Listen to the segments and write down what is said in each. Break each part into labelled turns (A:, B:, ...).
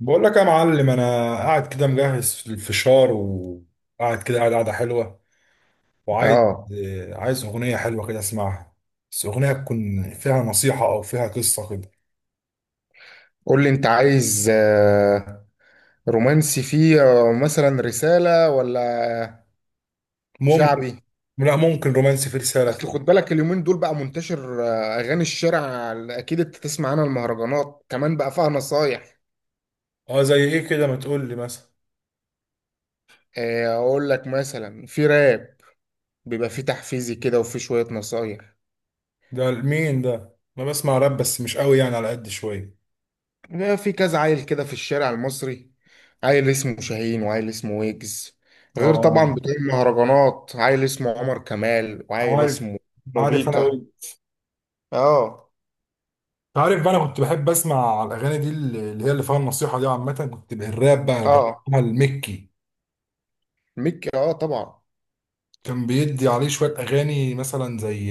A: بقول لك يا معلم، انا قاعد كده مجهز في الفشار وقاعد كده قاعده حلوه وعايز.
B: اه.
A: عايز اغنيه حلوه كده اسمعها. بس اغنيه تكون فيها نصيحه او فيها قصه كده.
B: قول لي انت عايز رومانسي فيه مثلا رسالة ولا
A: ممكن.
B: شعبي.
A: لا، ممكن رومانسي في رساله
B: اصل
A: كده.
B: خد بالك اليومين دول بقى منتشر اغاني الشارع. اكيد انت تسمع عنها. المهرجانات كمان بقى فيها نصايح.
A: اه، زي ايه كده؟ ما تقول لي مثلا.
B: اقول لك مثلا في راب بيبقى فيه تحفيزي كده وفي شوية نصايح.
A: ده مين ده؟ انا بسمع راب بس مش قوي يعني، على قد شويه.
B: بيبقى في كذا عيل كده في الشارع المصري، عيل اسمه شاهين وعيل اسمه ويجز. غير
A: اه،
B: طبعا بتوع المهرجانات، عيل اسمه عمر كمال وعيل
A: عارف.
B: اسمه
A: عارف انا
B: موبيكا.
A: وين.
B: اه،
A: عارف بقى، انا كنت بحب اسمع الاغاني دي اللي هي اللي فيها النصيحه دي عامه، كنت بالراب بقى
B: اه،
A: بسمعها المكي.
B: ميكي اه طبعا.
A: كان بيدي عليه شوية أغاني مثلا زي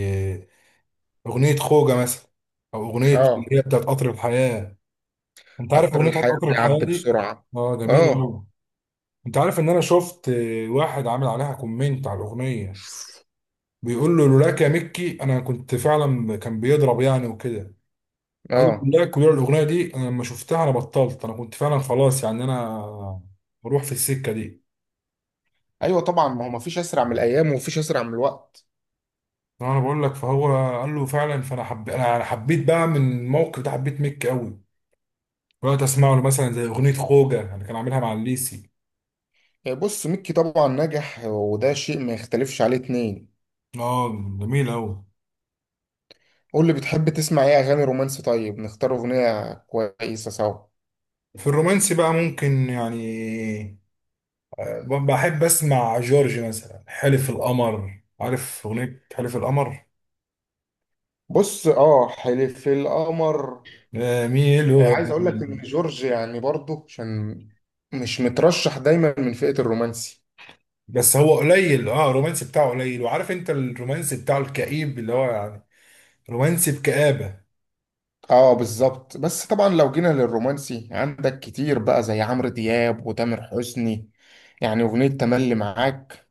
A: أغنية خوجة مثلا، أو أغنية اللي
B: اه،
A: هي بتاعت قطر الحياة. أنت عارف
B: قطر
A: أغنية بتاعت
B: الحياة
A: قطر الحياة
B: بيعدي
A: دي؟
B: بسرعة.
A: أه، جميلة
B: اه،
A: أوي. أنت عارف إن أنا شفت واحد عامل عليها كومنت على الأغنية، بيقول له لولاك يا مكي أنا كنت فعلا كان بيضرب يعني وكده. قال له
B: اه،
A: لولاك ولولا الأغنية دي أنا لما شفتها أنا بطلت، أنا كنت فعلا خلاص يعني أنا بروح في السكة دي.
B: ايوه طبعا، ما هو مفيش اسرع من الايام ومفيش اسرع من الوقت.
A: أنا بقول لك، فهو قال له فعلا، فأنا أنا حبيت بقى من الموقف ده، حبيت مكي أوي. رحت اسمع له مثلا زي اغنيه خوجه اللي كان عاملها مع الليسي.
B: بص ميكي طبعا نجح، وده شيء ما يختلفش عليه اتنين.
A: اه، جميل اوي.
B: قول لي بتحب تسمع ايه اغاني رومانسي؟ طيب نختار اغنية كويسة سوا.
A: في الرومانسي بقى ممكن يعني، بحب اسمع جورج مثلا، حلف القمر، عارف اغنيه حلف القمر؟
B: بص. اه، حلف القمر.
A: ميلو.
B: عايز اقول لك ان جورج يعني برضه عشان مش مترشح دايما من فئة الرومانسي.
A: بس هو قليل، اه الرومانسي بتاعه قليل، وعارف انت الرومانسي بتاعه الكئيب اللي هو يعني رومانسي بكآبة.
B: اه، بالظبط. بس طبعا لو جينا للرومانسي عندك كتير بقى، زي عمرو دياب وتامر حسني. يعني اغنية تملي معاك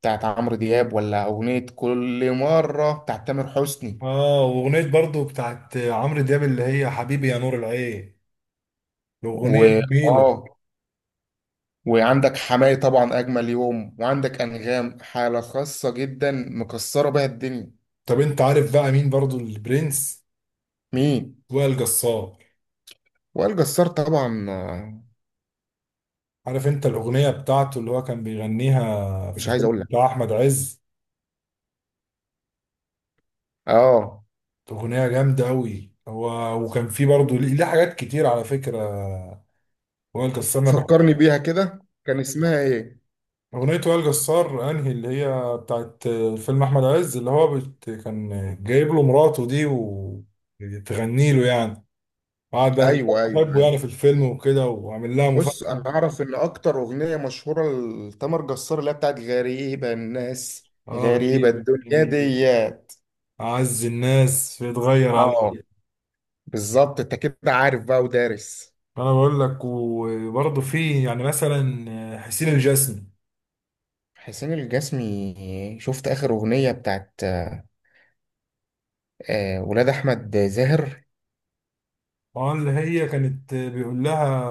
B: بتاعت عمرو دياب، ولا اغنية كل مرة بتاعت تامر حسني.
A: اه، واغنيه برضو بتاعت عمرو دياب اللي هي حبيبي يا نور العين،
B: و
A: الاغنيه دي جميله.
B: اه، وعندك حماية طبعا اجمل يوم، وعندك انغام حالة خاصة جدا مكسرة بيها الدنيا.
A: طب انت عارف بقى مين برضو البرنس؟
B: مين؟
A: وائل جسار.
B: وائل جسار طبعا
A: عارف انت الاغنيه بتاعته اللي هو كان بيغنيها في
B: مش عايز
A: فيلم
B: اقول لك.
A: بتاع احمد عز؟
B: اه،
A: اغنيه جامده قوي، هو وكان في برضه ليه حاجات كتير على فكره، وائل جسار انا بحب.
B: فكرني بيها كده. كان اسمها ايه؟
A: اغنيه وائل جسار انهي اللي هي بتاعت فيلم احمد عز، اللي هو كان جايب له مراته دي وتغني له يعني، قعد بقى.
B: ايوه، ايوه،
A: بحبه
B: أيوه.
A: يعني في الفيلم وكده، وعامل لها
B: بص،
A: مفاجاه.
B: انا اعرف ان اكتر اغنيه مشهوره لتامر جسار اللي هي بتاعت غريبه الناس
A: اه
B: غريبه
A: غريب
B: الدنيا دي.
A: يعني، عز الناس بيتغير عليا.
B: اه، بالظبط. انت كده عارف بقى ودارس.
A: انا بقول لك، وبرضه في يعني مثلا حسين الجسمي.
B: حسين الجسمي، شفت اخر اغنيه بتاعت ولاد احمد زاهر؟
A: اه، اللي هي كانت بيقول لها.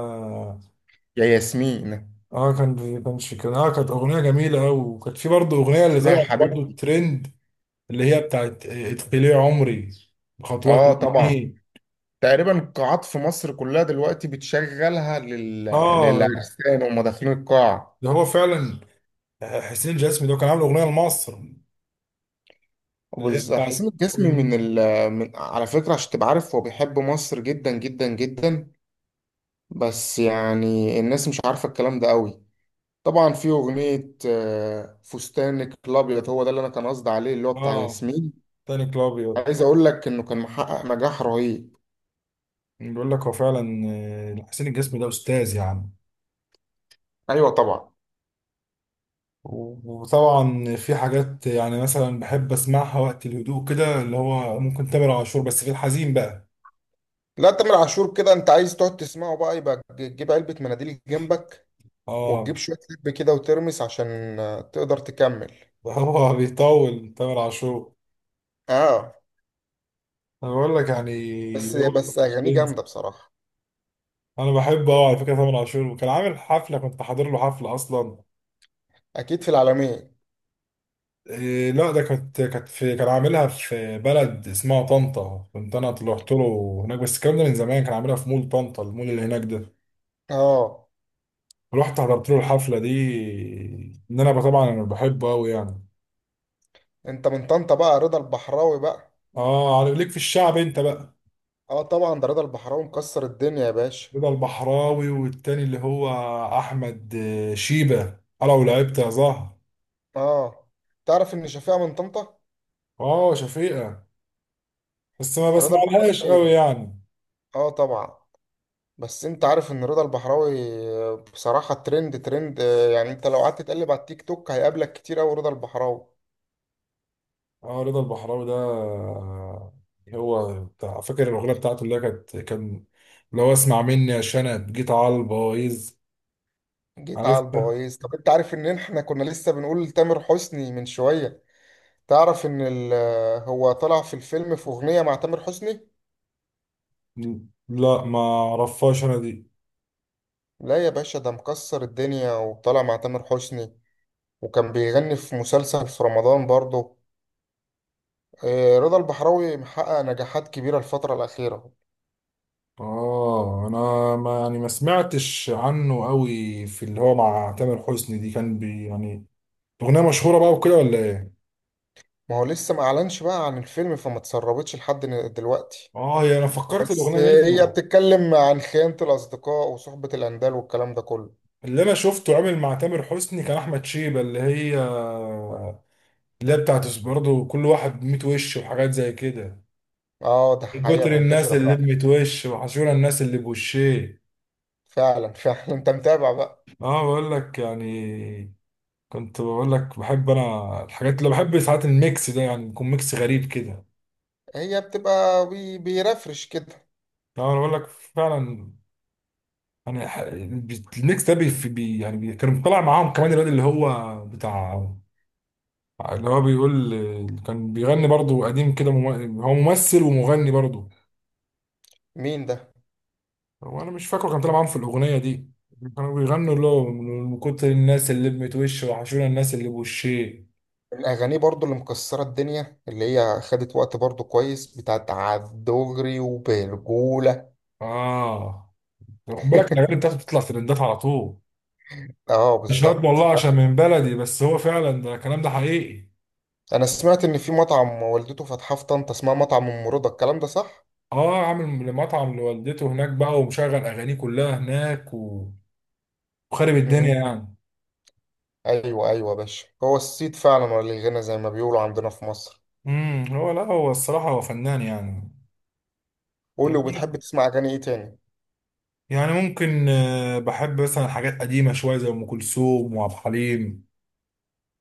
B: يا ياسمين.
A: اه كان كانش كان اه كانت اغنيه جميله قوي، وكانت في برضه اغنيه اللي
B: اسمها
A: طلعت برضه
B: حبيبتي.
A: ترند. اللي هي بتاعت ادخلي عمري بخطوات
B: اه طبعا،
A: اليمين.
B: تقريبا القاعات في مصر كلها دلوقتي بتشغلها
A: اه،
B: للعرسان وهم داخلين القاعه.
A: ده هو فعلا. حسين الجسمي ده كان عامل اغنيه لمصر. اللي هي
B: حسين
A: بتاعت.
B: الجسمي من على فكرة، عشان تبقى عارف هو بيحب مصر جدا جدا جدا. بس يعني الناس مش عارفة الكلام ده قوي. طبعا في أغنية فستانك الأبيض، هو ده اللي أنا كان قصدي عليه، اللي هو بتاع
A: اه
B: ياسمين.
A: تاني كلابيو.
B: عايز أقول لك إنه كان محقق نجاح رهيب.
A: بيقول لك هو فعلا، حسين الجسمي ده استاذ يعني.
B: أيوة طبعا.
A: وطبعا في حاجات يعني مثلا بحب اسمعها وقت الهدوء كده، اللي هو ممكن تامر عاشور بس في الحزين بقى.
B: لا، تامر عاشور كده أنت عايز تقعد تسمعه بقى، يبقى تجيب علبة مناديل جنبك
A: اه
B: وتجيب شوية لب كده وترمس عشان تقدر تكمل.
A: هو بيطول تامر عاشور.
B: اه،
A: انا بقول لك يعني.
B: بس
A: هو
B: بس أغانيه
A: بنت.
B: جامدة بصراحة.
A: انا بحبه اه، على فكره تامر عاشور، وكان عامل حفله كنت حاضر له حفله اصلا.
B: أكيد في العالمية.
A: إيه لا ده كانت في كان عاملها في بلد اسمها طنطا، كنت انا طلعت له هناك، بس الكلام ده من زمان، كان عاملها في مول طنطا، المول اللي هناك ده.
B: اه،
A: رحت حضرت له الحفله دي. ان انا طبعا انا بحبه قوي يعني.
B: انت من طنطا بقى، رضا البحراوي بقى.
A: اه، عارف ليك في الشعب انت بقى.
B: اه طبعا، ده رضا البحراوي مكسر الدنيا يا باشا.
A: رضا البحراوي والتاني اللي هو احمد شيبة، لو لعبت يا زهر.
B: اه، تعرف ان شفيقة من طنطا؟
A: اه شفيقة، بس ما
B: رضا
A: بسمعلهاش قوي
B: البحراوي؟
A: يعني.
B: اه طبعا. بس انت عارف ان رضا البحراوي بصراحة ترند ترند، يعني انت لو قعدت تقلب على التيك توك هيقابلك كتير اوي رضا البحراوي.
A: اه رضا البحراوي ده هو بتاع، فاكر الاغنيه بتاعته اللي هي كان لو اسمع مني يا شنب جيت على البوايظ؟
B: جيت على
A: عرفتها.
B: البويز. طب انت عارف ان احنا كنا لسه بنقول تامر حسني من شوية؟ تعرف ان هو طلع في الفيلم في اغنية مع تامر حسني.
A: لا، ما اعرفهاش انا دي.
B: لا يا باشا، ده مكسر الدنيا وطالع مع تامر حسني. وكان بيغني في مسلسل في رمضان برضه. رضا البحراوي محقق نجاحات كبيرة الفترة الأخيرة.
A: اه، انا ما يعني ما سمعتش عنه قوي في اللي هو مع تامر حسني دي، كان بي يعني أغنية مشهورة بقى وكده ولا إيه؟
B: ما هو لسه ما أعلنش بقى عن الفيلم، فما تسربتش لحد دلوقتي.
A: هي أنا فكرت
B: بس
A: الأغنية
B: هي
A: دي.
B: بتتكلم عن خيانة الأصدقاء وصحبة الأندال والكلام ده كله.
A: اللي أنا شفته عامل مع تامر حسني كان أحمد شيبة، اللي هي بتاعت برضه كل واحد بميت وش وحاجات زي كده.
B: اه، ده
A: من
B: حقيقة
A: كتر الناس
B: منتشرة
A: اللي
B: فعلا.
A: بميت وش، وحشونا الناس اللي بوشيه.
B: فعلا فعلا. انت متابع بقى.
A: بقول لك يعني. كنت بقول لك بحب أنا الحاجات اللي بحب ساعات الميكس ده، يعني يكون ميكس غريب كده.
B: هي بتبقى بيرفرش كده.
A: أنا بقول لك فعلا يعني، الميكس ده يعني كان طالع معاهم كمان الواد اللي هو بتاع، اللي هو بيقول اللي كان بيغني برضو قديم كده، هو ممثل ومغني برضو.
B: مين ده؟
A: هو انا مش فاكره، كان طلع معاهم في الاغنيه دي، كانوا بيغنوا اللي هو من كتر الناس اللي لمت وش، وحشونا الناس اللي بوشيه.
B: من الأغاني برضو اللي مكسرة الدنيا، اللي هي خدت وقت برضو كويس، بتاعت عالدغري وبرجولة.
A: اه، خد بالك الاغاني بتاعته بتطلع ترندات على طول.
B: اه
A: مش هاد
B: بالظبط.
A: والله
B: لا،
A: عشان من بلدي، بس هو فعلا، ده الكلام ده حقيقي.
B: انا سمعت ان في مطعم والدته فاتحاه في طنطا اسمها مطعم ام رضا، الكلام ده صح؟
A: اه، عامل مطعم لوالدته هناك بقى، ومشغل اغانيه كلها هناك وخارب الدنيا
B: مم.
A: يعني.
B: ايوه ايوه يا باشا، هو الصيت فعلا ولا الغنى زي ما بيقولوا عندنا في مصر.
A: هو لا، هو الصراحه هو فنان يعني.
B: قول لي، وبتحب تسمع اغاني ايه تاني؟
A: يعني ممكن بحب مثلا حاجات قديمة شوية زي أم كلثوم وعبد الحليم،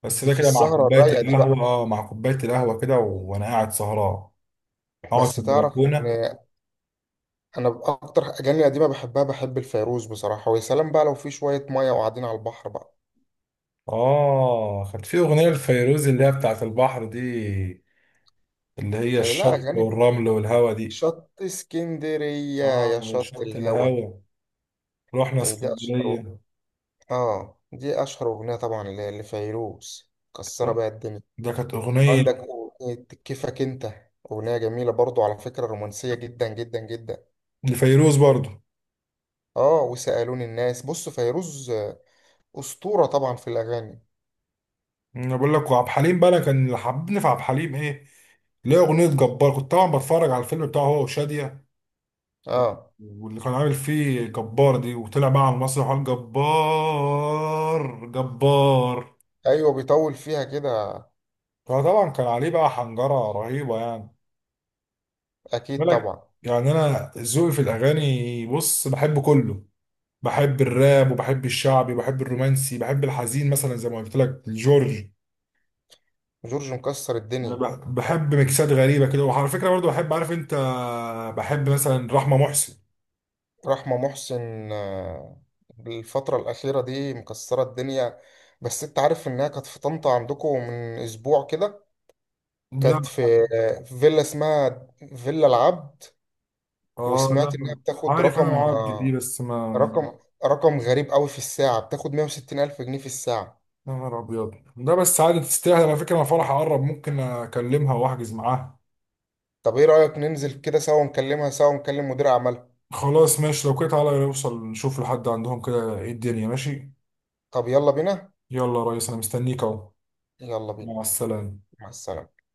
A: بس
B: دي
A: ده
B: في
A: كده مع
B: السهره
A: كوباية
B: الرايقه دي بقى.
A: القهوة، اه مع كوباية القهوة كده وأنا قاعد سهران، أقعد
B: بس
A: في
B: تعرف ان
A: البلكونة.
B: انا اكتر اغاني قديمه بحبها، بحب الفيروز بصراحه، ويا سلام بقى لو في شويه ميه وقاعدين على البحر بقى.
A: اه، كانت في أغنية لفيروز اللي هي بتاعت البحر دي، اللي هي
B: إيه؟ لا،
A: الشط
B: اغاني
A: والرمل والهوا دي.
B: شط اسكندريه يا
A: اه
B: شط
A: شط
B: الهوا.
A: الهوا، رحنا
B: إيه ده اشهر؟
A: اسكندرية.
B: اه، دي اشهر اغنيه طبعا لفيروز. كسره بقى الدنيا.
A: ده كانت أغنية
B: عندك اغنيه كيفك انت، اغنيه جميله برضو على فكره، رومانسيه جدا جدا جدا.
A: لفيروز برضو.
B: اه، وسالوني الناس. بص، فيروز اسطوره طبعا في الاغاني.
A: انا بقول لك وعبد الحليم بقى، انا كان اللي حببني في عبد الحليم ايه؟ ليه اغنيه جبار، كنت طبعا بتفرج على الفيلم بتاعه هو وشاديه،
B: اه
A: واللي كان عامل فيه جبار دي، وطلع بقى على المسرح وقال جبار جبار.
B: ايوه، بيطول فيها كده.
A: فطبعا كان عليه بقى حنجره رهيبه يعني.
B: اكيد
A: بالك.
B: طبعا.
A: يعني انا ذوقي في الاغاني بص، بحب كله، بحب الراب وبحب الشعبي وبحب الرومانسي، بحب الحزين مثلا زي ما قلت لك الجورج.
B: جورج مكسر
A: انا
B: الدنيا.
A: بحب ميكسات غريبه كده، وعلى فكره برضو بحب، عارف انت، بحب مثلا رحمه محسن.
B: رحمه محسن الفتره الاخيره دي مكسره الدنيا. بس انت عارف انها كانت في طنطا عندكم من اسبوع كده؟ كانت في
A: لا.
B: في فيلا اسمها فيلا العبد.
A: اه،
B: وسمعت
A: لا.
B: انها بتاخد
A: عارف انا
B: رقم
A: العبد دي بس ما.
B: رقم رقم غريب قوي، في الساعة بتاخد 160 ألف جنيه في الساعة.
A: يا نهار ابيض، ده بس عادي، تستاهل على فكره، انا فرح اقرب ممكن اكلمها واحجز معاها.
B: طب ايه رأيك ننزل كده سوا، نكلمها سوا ونكلم مدير اعمالها؟
A: خلاص ماشي، لو كده تعالى نوصل نشوف لحد عندهم كده ايه الدنيا، ماشي.
B: طب يلا بينا.
A: يلا يا ريس، انا مستنيك اهو.
B: يلا بينا.
A: مع السلامه.
B: مع السلامة.